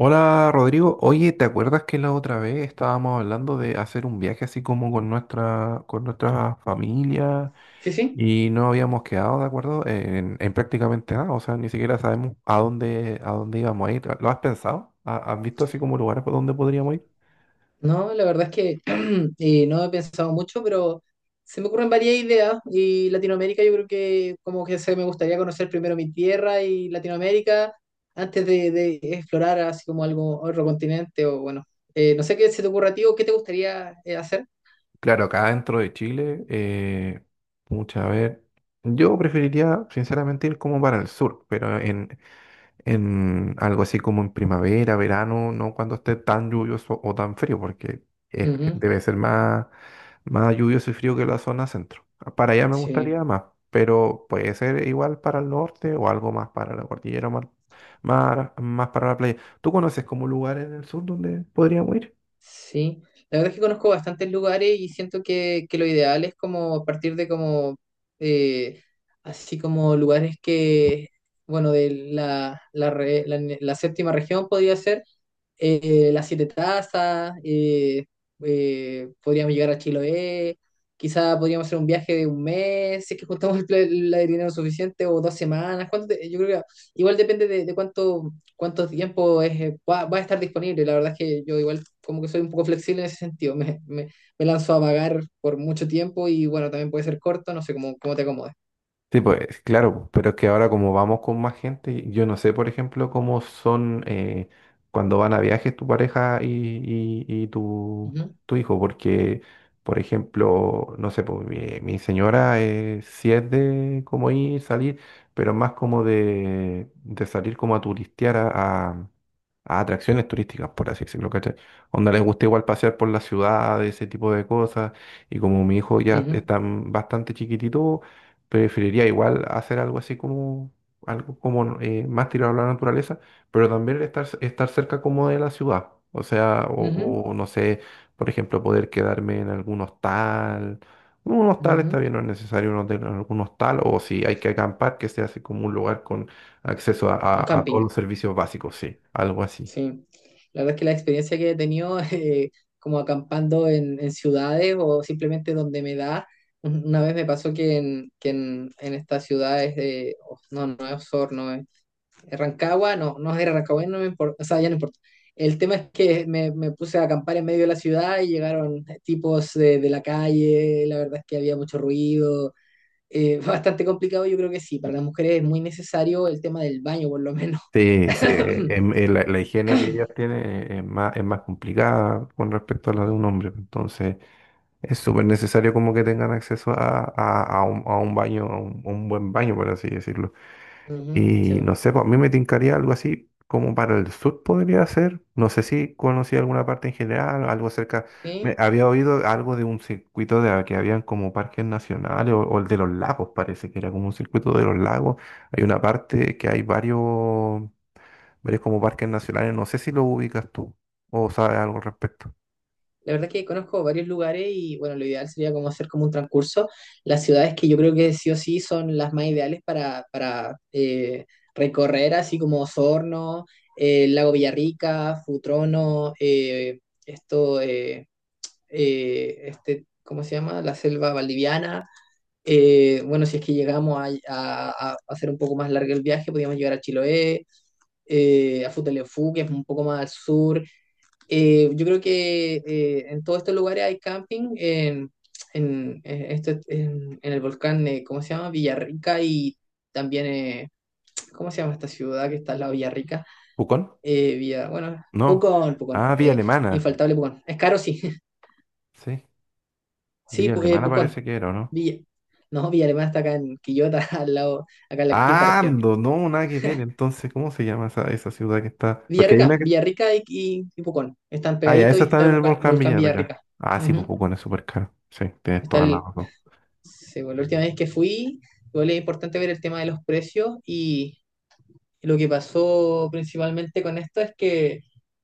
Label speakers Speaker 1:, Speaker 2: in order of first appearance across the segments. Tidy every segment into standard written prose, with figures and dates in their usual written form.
Speaker 1: Hola Rodrigo, oye, ¿te acuerdas que la otra vez estábamos hablando de hacer un viaje así como con nuestra familia
Speaker 2: Sí, sí.
Speaker 1: y no habíamos quedado de acuerdo en prácticamente nada? O sea, ni siquiera sabemos a dónde íbamos a ir. ¿Lo has pensado? ¿Has visto así como lugares por donde podríamos ir?
Speaker 2: No, la verdad es que no he pensado mucho, pero se me ocurren varias ideas y Latinoamérica yo creo que como que se me gustaría conocer primero mi tierra y Latinoamérica antes de explorar así como algo, otro continente o bueno, no sé qué se te ocurra a ti o qué te gustaría hacer.
Speaker 1: Claro, acá dentro de Chile, mucha ver. Yo preferiría sinceramente ir como para el sur, pero en algo así como en primavera, verano, no cuando esté tan lluvioso o tan frío, porque
Speaker 2: Ujú.
Speaker 1: debe ser más lluvioso y frío que la zona centro. Para allá me
Speaker 2: Sí.
Speaker 1: gustaría más, pero puede ser igual para el norte o algo más para la cordillera, más para la playa. ¿Tú conoces como lugar en el sur donde podríamos ir?
Speaker 2: Sí, la verdad es que conozco bastantes lugares y siento que lo ideal es como partir de como, eh, así como lugares que, bueno, de la séptima región podría ser, Las Siete Tazas, podríamos llegar a Chiloé, quizá podríamos hacer un viaje de un mes, si es que juntamos la de dinero suficiente, o 2 semanas, yo creo que igual depende de cuánto tiempo es, va a estar disponible, la verdad es que yo igual como que soy un poco flexible en ese sentido, me lanzo a vagar por mucho tiempo y bueno, también puede ser corto, no sé cómo te acomodes.
Speaker 1: Sí, pues claro, pero es que ahora como vamos con más gente, yo no sé, por ejemplo, cómo son cuando van a viajes tu pareja y tu,
Speaker 2: Ujú,
Speaker 1: tu hijo, porque, por ejemplo, no sé, pues, mi señora, sí es de como ir, salir, pero más como de salir como a turistear a, a- a atracciones turísticas, por así decirlo, ¿cachai? Onda les gusta igual pasear por la ciudad, ese tipo de cosas, y como mi hijo ya
Speaker 2: ujú,
Speaker 1: está bastante chiquitito, preferiría igual hacer algo así como algo como más tirado a la naturaleza, pero también estar cerca como de la ciudad. O sea,
Speaker 2: ujú,
Speaker 1: o no sé, por ejemplo, poder quedarme en algún hostal. Un hostal está
Speaker 2: ujú.
Speaker 1: bien, no es necesario un hotel, algún hostal, o si hay que acampar, que sea así como un lugar con acceso a,
Speaker 2: Un
Speaker 1: a todos
Speaker 2: camping.
Speaker 1: los servicios básicos, sí, algo así.
Speaker 2: Sí, la verdad es que la experiencia que he tenido como acampando en ciudades o simplemente donde me da, una vez me pasó en estas ciudades, oh, no, no es Osorno, es Rancagua, no, no era Rancagua, no me importa, o sea, ya no importa. El tema es que me puse a acampar en medio de la ciudad y llegaron tipos de la calle, la verdad es que había mucho ruido, bastante complicado, yo creo que sí, para las mujeres es muy necesario el tema del baño por lo menos.
Speaker 1: Sí, sí, la higiene que ellas tienen es más complicada con respecto a la de
Speaker 2: Ujú,
Speaker 1: un hombre, entonces... Es súper necesario como que tengan acceso a, a un baño, a un buen baño, por así decirlo.
Speaker 2: ujú, sí.
Speaker 1: Y no sé, pues a mí me tincaría algo así como para el sur podría ser. No sé si conocí alguna parte en general, algo cerca. Me
Speaker 2: Sí,
Speaker 1: había oído algo de un circuito de, que habían como parques nacionales o el de los lagos, parece que era como un circuito de los lagos. Hay una parte que hay varios como parques nacionales. No sé si lo ubicas tú o sabes algo al respecto.
Speaker 2: la verdad es que conozco varios lugares y bueno, lo ideal sería como hacer como un transcurso. Las ciudades que yo creo que sí o sí son las más ideales para recorrer, así como Osorno, Lago Villarrica, Futrono, esto, este, ¿cómo se llama? La selva valdiviana. Bueno, si es que llegamos a, a hacer un poco más largo el viaje, podríamos llegar a Chiloé, a Futaleufú, que es un poco más al sur. Yo creo que en todos estos lugares hay camping, en el volcán, ¿cómo se llama? Villarrica y también, ¿cómo se llama esta ciudad que está al lado de Villarrica?
Speaker 1: ¿Pucón?
Speaker 2: Bueno,
Speaker 1: No.
Speaker 2: Pucón, Pucón,
Speaker 1: Ah, Vía Alemana.
Speaker 2: infaltable Pucón. Es caro, sí,
Speaker 1: Sí.
Speaker 2: sí,
Speaker 1: Villa Alemana
Speaker 2: Pucón.
Speaker 1: parece que era, ¿o no?
Speaker 2: Villa, no, Villa Alemana está acá en Quillota, al lado, acá en la quinta
Speaker 1: Ah,
Speaker 2: región.
Speaker 1: Ando, no, nada que ver. Entonces, ¿cómo se llama esa ciudad que está? Porque hay una
Speaker 2: Villarrica,
Speaker 1: que...
Speaker 2: Villarrica y Pucón, están
Speaker 1: Ah, ya,
Speaker 2: pegaditos
Speaker 1: esa
Speaker 2: y
Speaker 1: está
Speaker 2: está el
Speaker 1: en el volcán
Speaker 2: volcán
Speaker 1: Villarrica.
Speaker 2: Villarrica.
Speaker 1: Ah, sí, pues
Speaker 2: Ujú.
Speaker 1: Pucón es súper caro. Sí, tienes
Speaker 2: Está
Speaker 1: toda la
Speaker 2: el,
Speaker 1: razón.
Speaker 2: Sí, bueno, la última vez que fui, igual es importante ver el tema de los precios y lo que pasó principalmente con esto es que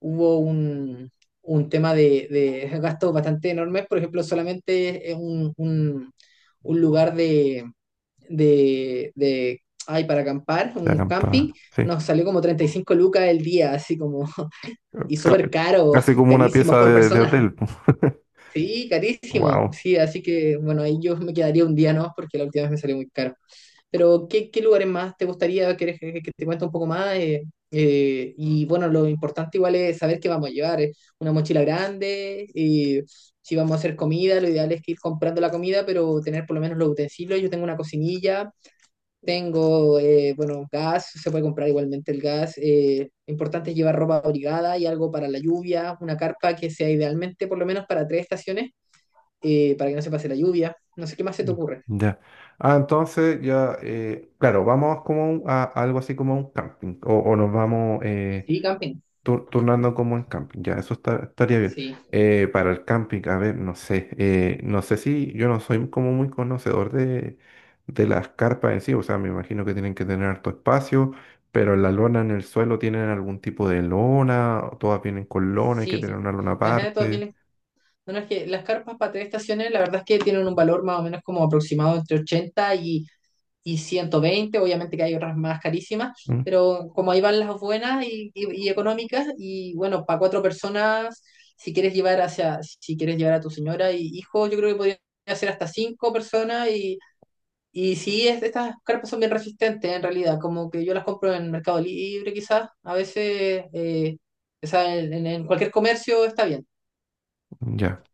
Speaker 2: hubo un tema de gastos bastante enormes, por ejemplo, solamente es un lugar ay, para acampar,
Speaker 1: De
Speaker 2: un
Speaker 1: acampada.
Speaker 2: camping,
Speaker 1: Sí.
Speaker 2: nos salió como 35 lucas el día, así como, y
Speaker 1: Ca-
Speaker 2: súper caro,
Speaker 1: casi como una
Speaker 2: carísimo,
Speaker 1: pieza
Speaker 2: por
Speaker 1: de
Speaker 2: persona.
Speaker 1: hotel.
Speaker 2: Sí, carísimo.
Speaker 1: Wow.
Speaker 2: Sí, así que bueno, ahí yo me quedaría un día, ¿no? Porque la última vez me salió muy caro. Pero, ¿qué lugares más te gustaría? ¿Quieres que te cuente un poco más? Y bueno, lo importante igual es saber qué vamos a llevar. Una mochila grande, si vamos a hacer comida, lo ideal es que ir comprando la comida, pero tener por lo menos los utensilios. Yo tengo una cocinilla, tengo, bueno, gas, se puede comprar igualmente el gas. Importante es llevar ropa abrigada y algo para la lluvia, una carpa que sea idealmente por lo menos para tres estaciones, para que no se pase la lluvia. No sé qué más se te ocurre.
Speaker 1: Ya. Ah, entonces ya, claro, vamos como a, algo así como un camping. O nos vamos,
Speaker 2: Sí, camping.
Speaker 1: turnando como en camping, ya, estaría bien.
Speaker 2: Sí.
Speaker 1: Para el camping, a ver, no sé, no sé si yo no soy como muy conocedor de las carpas en sí, o sea, me imagino que tienen que tener harto espacio, pero la lona en el suelo tienen algún tipo de lona, o todas vienen con lona, hay que tener
Speaker 2: Sí,
Speaker 1: una lona
Speaker 2: ajá, todas
Speaker 1: aparte.
Speaker 2: vienen. No, no, es que las carpas para tres estaciones, la verdad es que tienen un valor más o menos como aproximado entre 80 y 120. Obviamente que hay otras más carísimas,
Speaker 1: Mm.
Speaker 2: pero como ahí van las buenas y, y económicas, y bueno, para cuatro personas, si quieres llevar hacia, si quieres llevar a tu señora y hijo, yo creo que podría ser hasta cinco personas. Y sí, estas carpas son bien resistentes en realidad, como que yo las compro en Mercado Libre, quizás, a veces, o sea, en cualquier comercio está bien.
Speaker 1: Ya.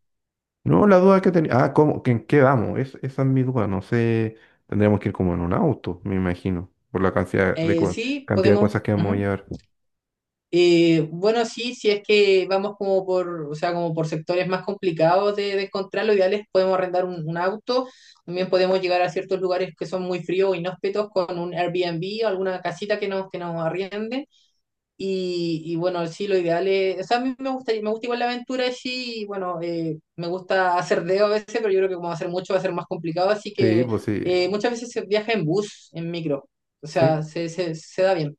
Speaker 1: No, la duda que tenía, ah, ¿cómo, que en qué vamos? Es, esa es mi duda, no sé, tendríamos que ir como en un auto, me imagino, por la cantidad de,
Speaker 2: Sí,
Speaker 1: cantidad de cosas
Speaker 2: podemos.
Speaker 1: que vamos a
Speaker 2: Ujú.
Speaker 1: llevar.
Speaker 2: Bueno, sí, si es que vamos como por, o sea, como por sectores más complicados de encontrar, lo ideal es podemos arrendar un auto, también podemos llegar a ciertos lugares que son muy fríos o inhóspitos con un Airbnb o alguna casita que que nos arriende. Y bueno, sí, lo ideal es, o sea, a mí me gusta igual la aventura, sí, y bueno, me gusta hacer dedo a veces, pero yo creo que como hacer mucho va a ser más complicado, así
Speaker 1: Sí,
Speaker 2: que
Speaker 1: pues sí.
Speaker 2: muchas veces se viaja en bus, en micro, o
Speaker 1: Sí,
Speaker 2: sea, se da bien.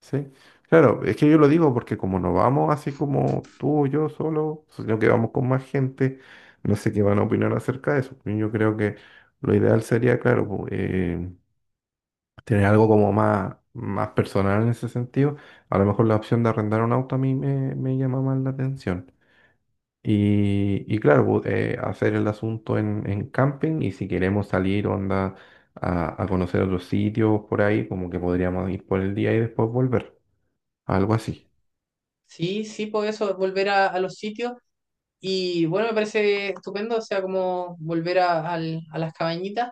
Speaker 1: sí. Claro, es que yo lo digo porque como no vamos así como tú o yo solo, sino que vamos con más gente, no sé qué van a opinar acerca de eso. Pues yo creo que lo ideal sería, claro, tener algo como más, más personal en ese sentido. A lo mejor la opción de arrendar un auto a mí me llama más la atención. Y claro, hacer el asunto en camping y si queremos salir, onda, a conocer otros sitios por ahí, como que podríamos ir por el día y después volver. Algo así.
Speaker 2: Sí, sí, por eso, es volver a los sitios. Y bueno, me parece estupendo, o sea, como volver a las cabañitas.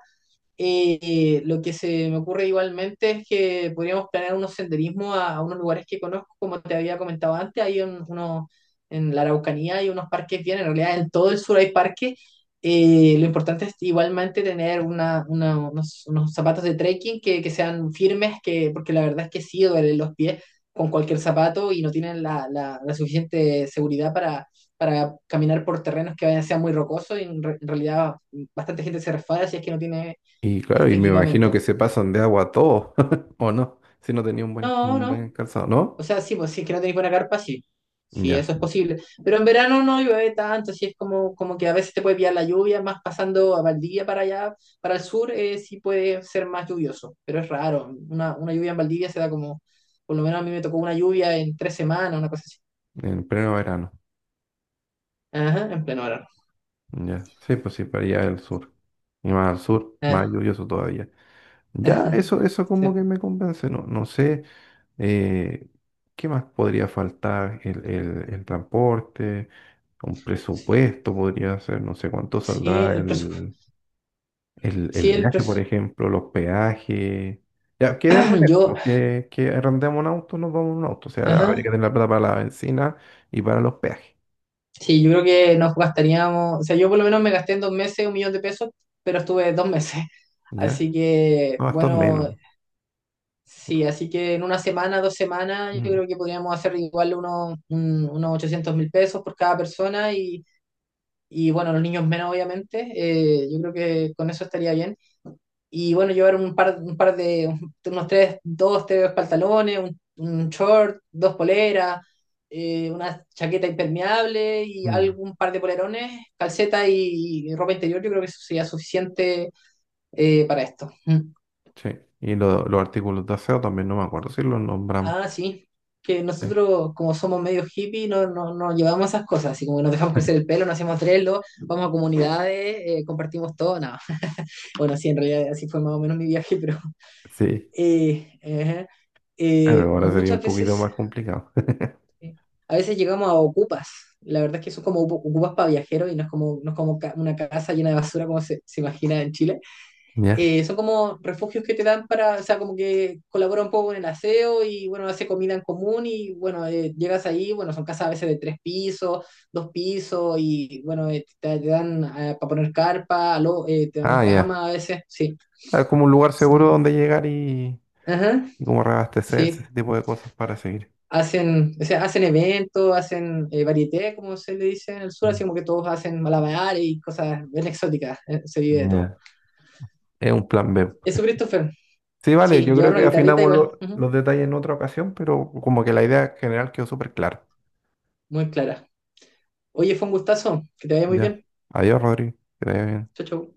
Speaker 2: Lo que se me ocurre igualmente es que podríamos planear unos senderismos a unos lugares que conozco, como te había comentado antes, hay uno, en la Araucanía hay unos parques bien, en realidad en todo el sur hay parques. Lo importante es igualmente tener unos zapatos de trekking que sean firmes, porque la verdad es que sí duelen los pies con cualquier zapato y no tienen la suficiente seguridad para caminar por terrenos que vayan, sean muy rocosos y en realidad bastante gente se resfala si es que no tiene
Speaker 1: Y claro, y
Speaker 2: este
Speaker 1: me imagino que
Speaker 2: equipamiento.
Speaker 1: se pasan de agua a todo, ¿o no? Si no tenía
Speaker 2: No,
Speaker 1: un buen
Speaker 2: no.
Speaker 1: calzado,
Speaker 2: O
Speaker 1: ¿no?
Speaker 2: sea, sí, pues si es que no tenéis buena carpa, sí. Sí,
Speaker 1: Ya,
Speaker 2: eso es posible. Pero en verano no llueve tanto, así es como que a veces te puede pillar la lluvia, más pasando a Valdivia para allá, para el sur, sí puede ser más lluvioso, pero es raro. Una lluvia en Valdivia se da como, por lo menos a mí me tocó una lluvia en 3 semanas, una cosa así.
Speaker 1: en pleno verano.
Speaker 2: Ajá, en pleno verano.
Speaker 1: Ya, sí, pues sí, para allá del sur. Y más al sur, más
Speaker 2: Ah,
Speaker 1: lluvioso todavía. Ya, eso como que
Speaker 2: sí.
Speaker 1: me convence, no, no sé, eh, ¿qué más podría faltar? El transporte, un presupuesto podría ser, no sé cuánto
Speaker 2: Sí,
Speaker 1: saldrá
Speaker 2: el presupuesto.
Speaker 1: el... el
Speaker 2: Sí, el
Speaker 1: viaje, por
Speaker 2: presupuesto.
Speaker 1: ejemplo, los peajes. Ya, quedemos en eso,
Speaker 2: Yo,
Speaker 1: pues, que arrendemos un auto, nos vamos en un auto. O sea, habría que
Speaker 2: ajá.
Speaker 1: tener la plata para la benzina y para los peajes.
Speaker 2: Sí, yo creo que nos gastaríamos, o sea, yo por lo menos me gasté en 2 meses 1 millón de pesos, pero estuve 2 meses.
Speaker 1: ¿Ya?
Speaker 2: Así que,
Speaker 1: No, esto es
Speaker 2: bueno,
Speaker 1: menos.
Speaker 2: sí, así que en una semana, 2 semanas, yo
Speaker 1: Mm,
Speaker 2: creo que podríamos hacer igual unos 800.000 pesos por cada persona bueno, los niños menos, obviamente. Yo creo que con eso estaría bien. Y bueno, llevar un par de, unos tres, dos, tres pantalones, un short, dos poleras, una chaqueta impermeable y
Speaker 1: mm,
Speaker 2: algún par de polerones, calceta y ropa interior, yo creo que eso sería suficiente para esto. Mm.
Speaker 1: sí. Y los artículos de aseo también no me acuerdo si los nombramos.
Speaker 2: Ah, sí, que
Speaker 1: Sí.
Speaker 2: nosotros como somos medio hippie no, no, no llevamos esas cosas, así como que nos dejamos crecer el pelo, nos hacemos trello, vamos a comunidades, compartimos todo, nada. Bueno, sí, en realidad así fue más o menos mi viaje, pero.
Speaker 1: Sí.
Speaker 2: Ajá.
Speaker 1: Claro,
Speaker 2: Eh,
Speaker 1: ahora sería un
Speaker 2: muchas
Speaker 1: poquito
Speaker 2: veces,
Speaker 1: más complicado.
Speaker 2: eh, a veces llegamos a ocupas. La verdad es que son como ocupas para viajeros y no es como una casa llena de basura como se imagina en Chile.
Speaker 1: Ya.
Speaker 2: Son como refugios que te dan para, o sea, como que colabora un poco con el aseo y bueno, hace comida en común y bueno, llegas ahí, bueno, son casas a veces de tres pisos, dos pisos y bueno, te dan para poner carpa, te dan
Speaker 1: Ah, ya.
Speaker 2: cama a veces, sí.
Speaker 1: Ah, como un lugar seguro donde llegar
Speaker 2: Ajá,
Speaker 1: y como reabastecerse,
Speaker 2: sí.
Speaker 1: ese tipo de cosas para seguir.
Speaker 2: Hacen, o sea, hacen eventos, hacen varieté, como se le dice en el sur,
Speaker 1: Mm.
Speaker 2: así como que todos hacen malabares y cosas bien exóticas, se vive de todo.
Speaker 1: Ya. Es un plan B.
Speaker 2: Eso, Christopher,
Speaker 1: Sí, vale,
Speaker 2: sí,
Speaker 1: yo creo
Speaker 2: llevar una
Speaker 1: que
Speaker 2: guitarrita
Speaker 1: afinamos
Speaker 2: igual, ujú,
Speaker 1: los detalles en otra ocasión, pero como que la idea general quedó súper clara.
Speaker 2: muy clara. Oye, fue un gustazo, que te vaya muy
Speaker 1: Ya.
Speaker 2: bien.
Speaker 1: Adiós, Rodri. Que te vaya bien.
Speaker 2: Chau, chau.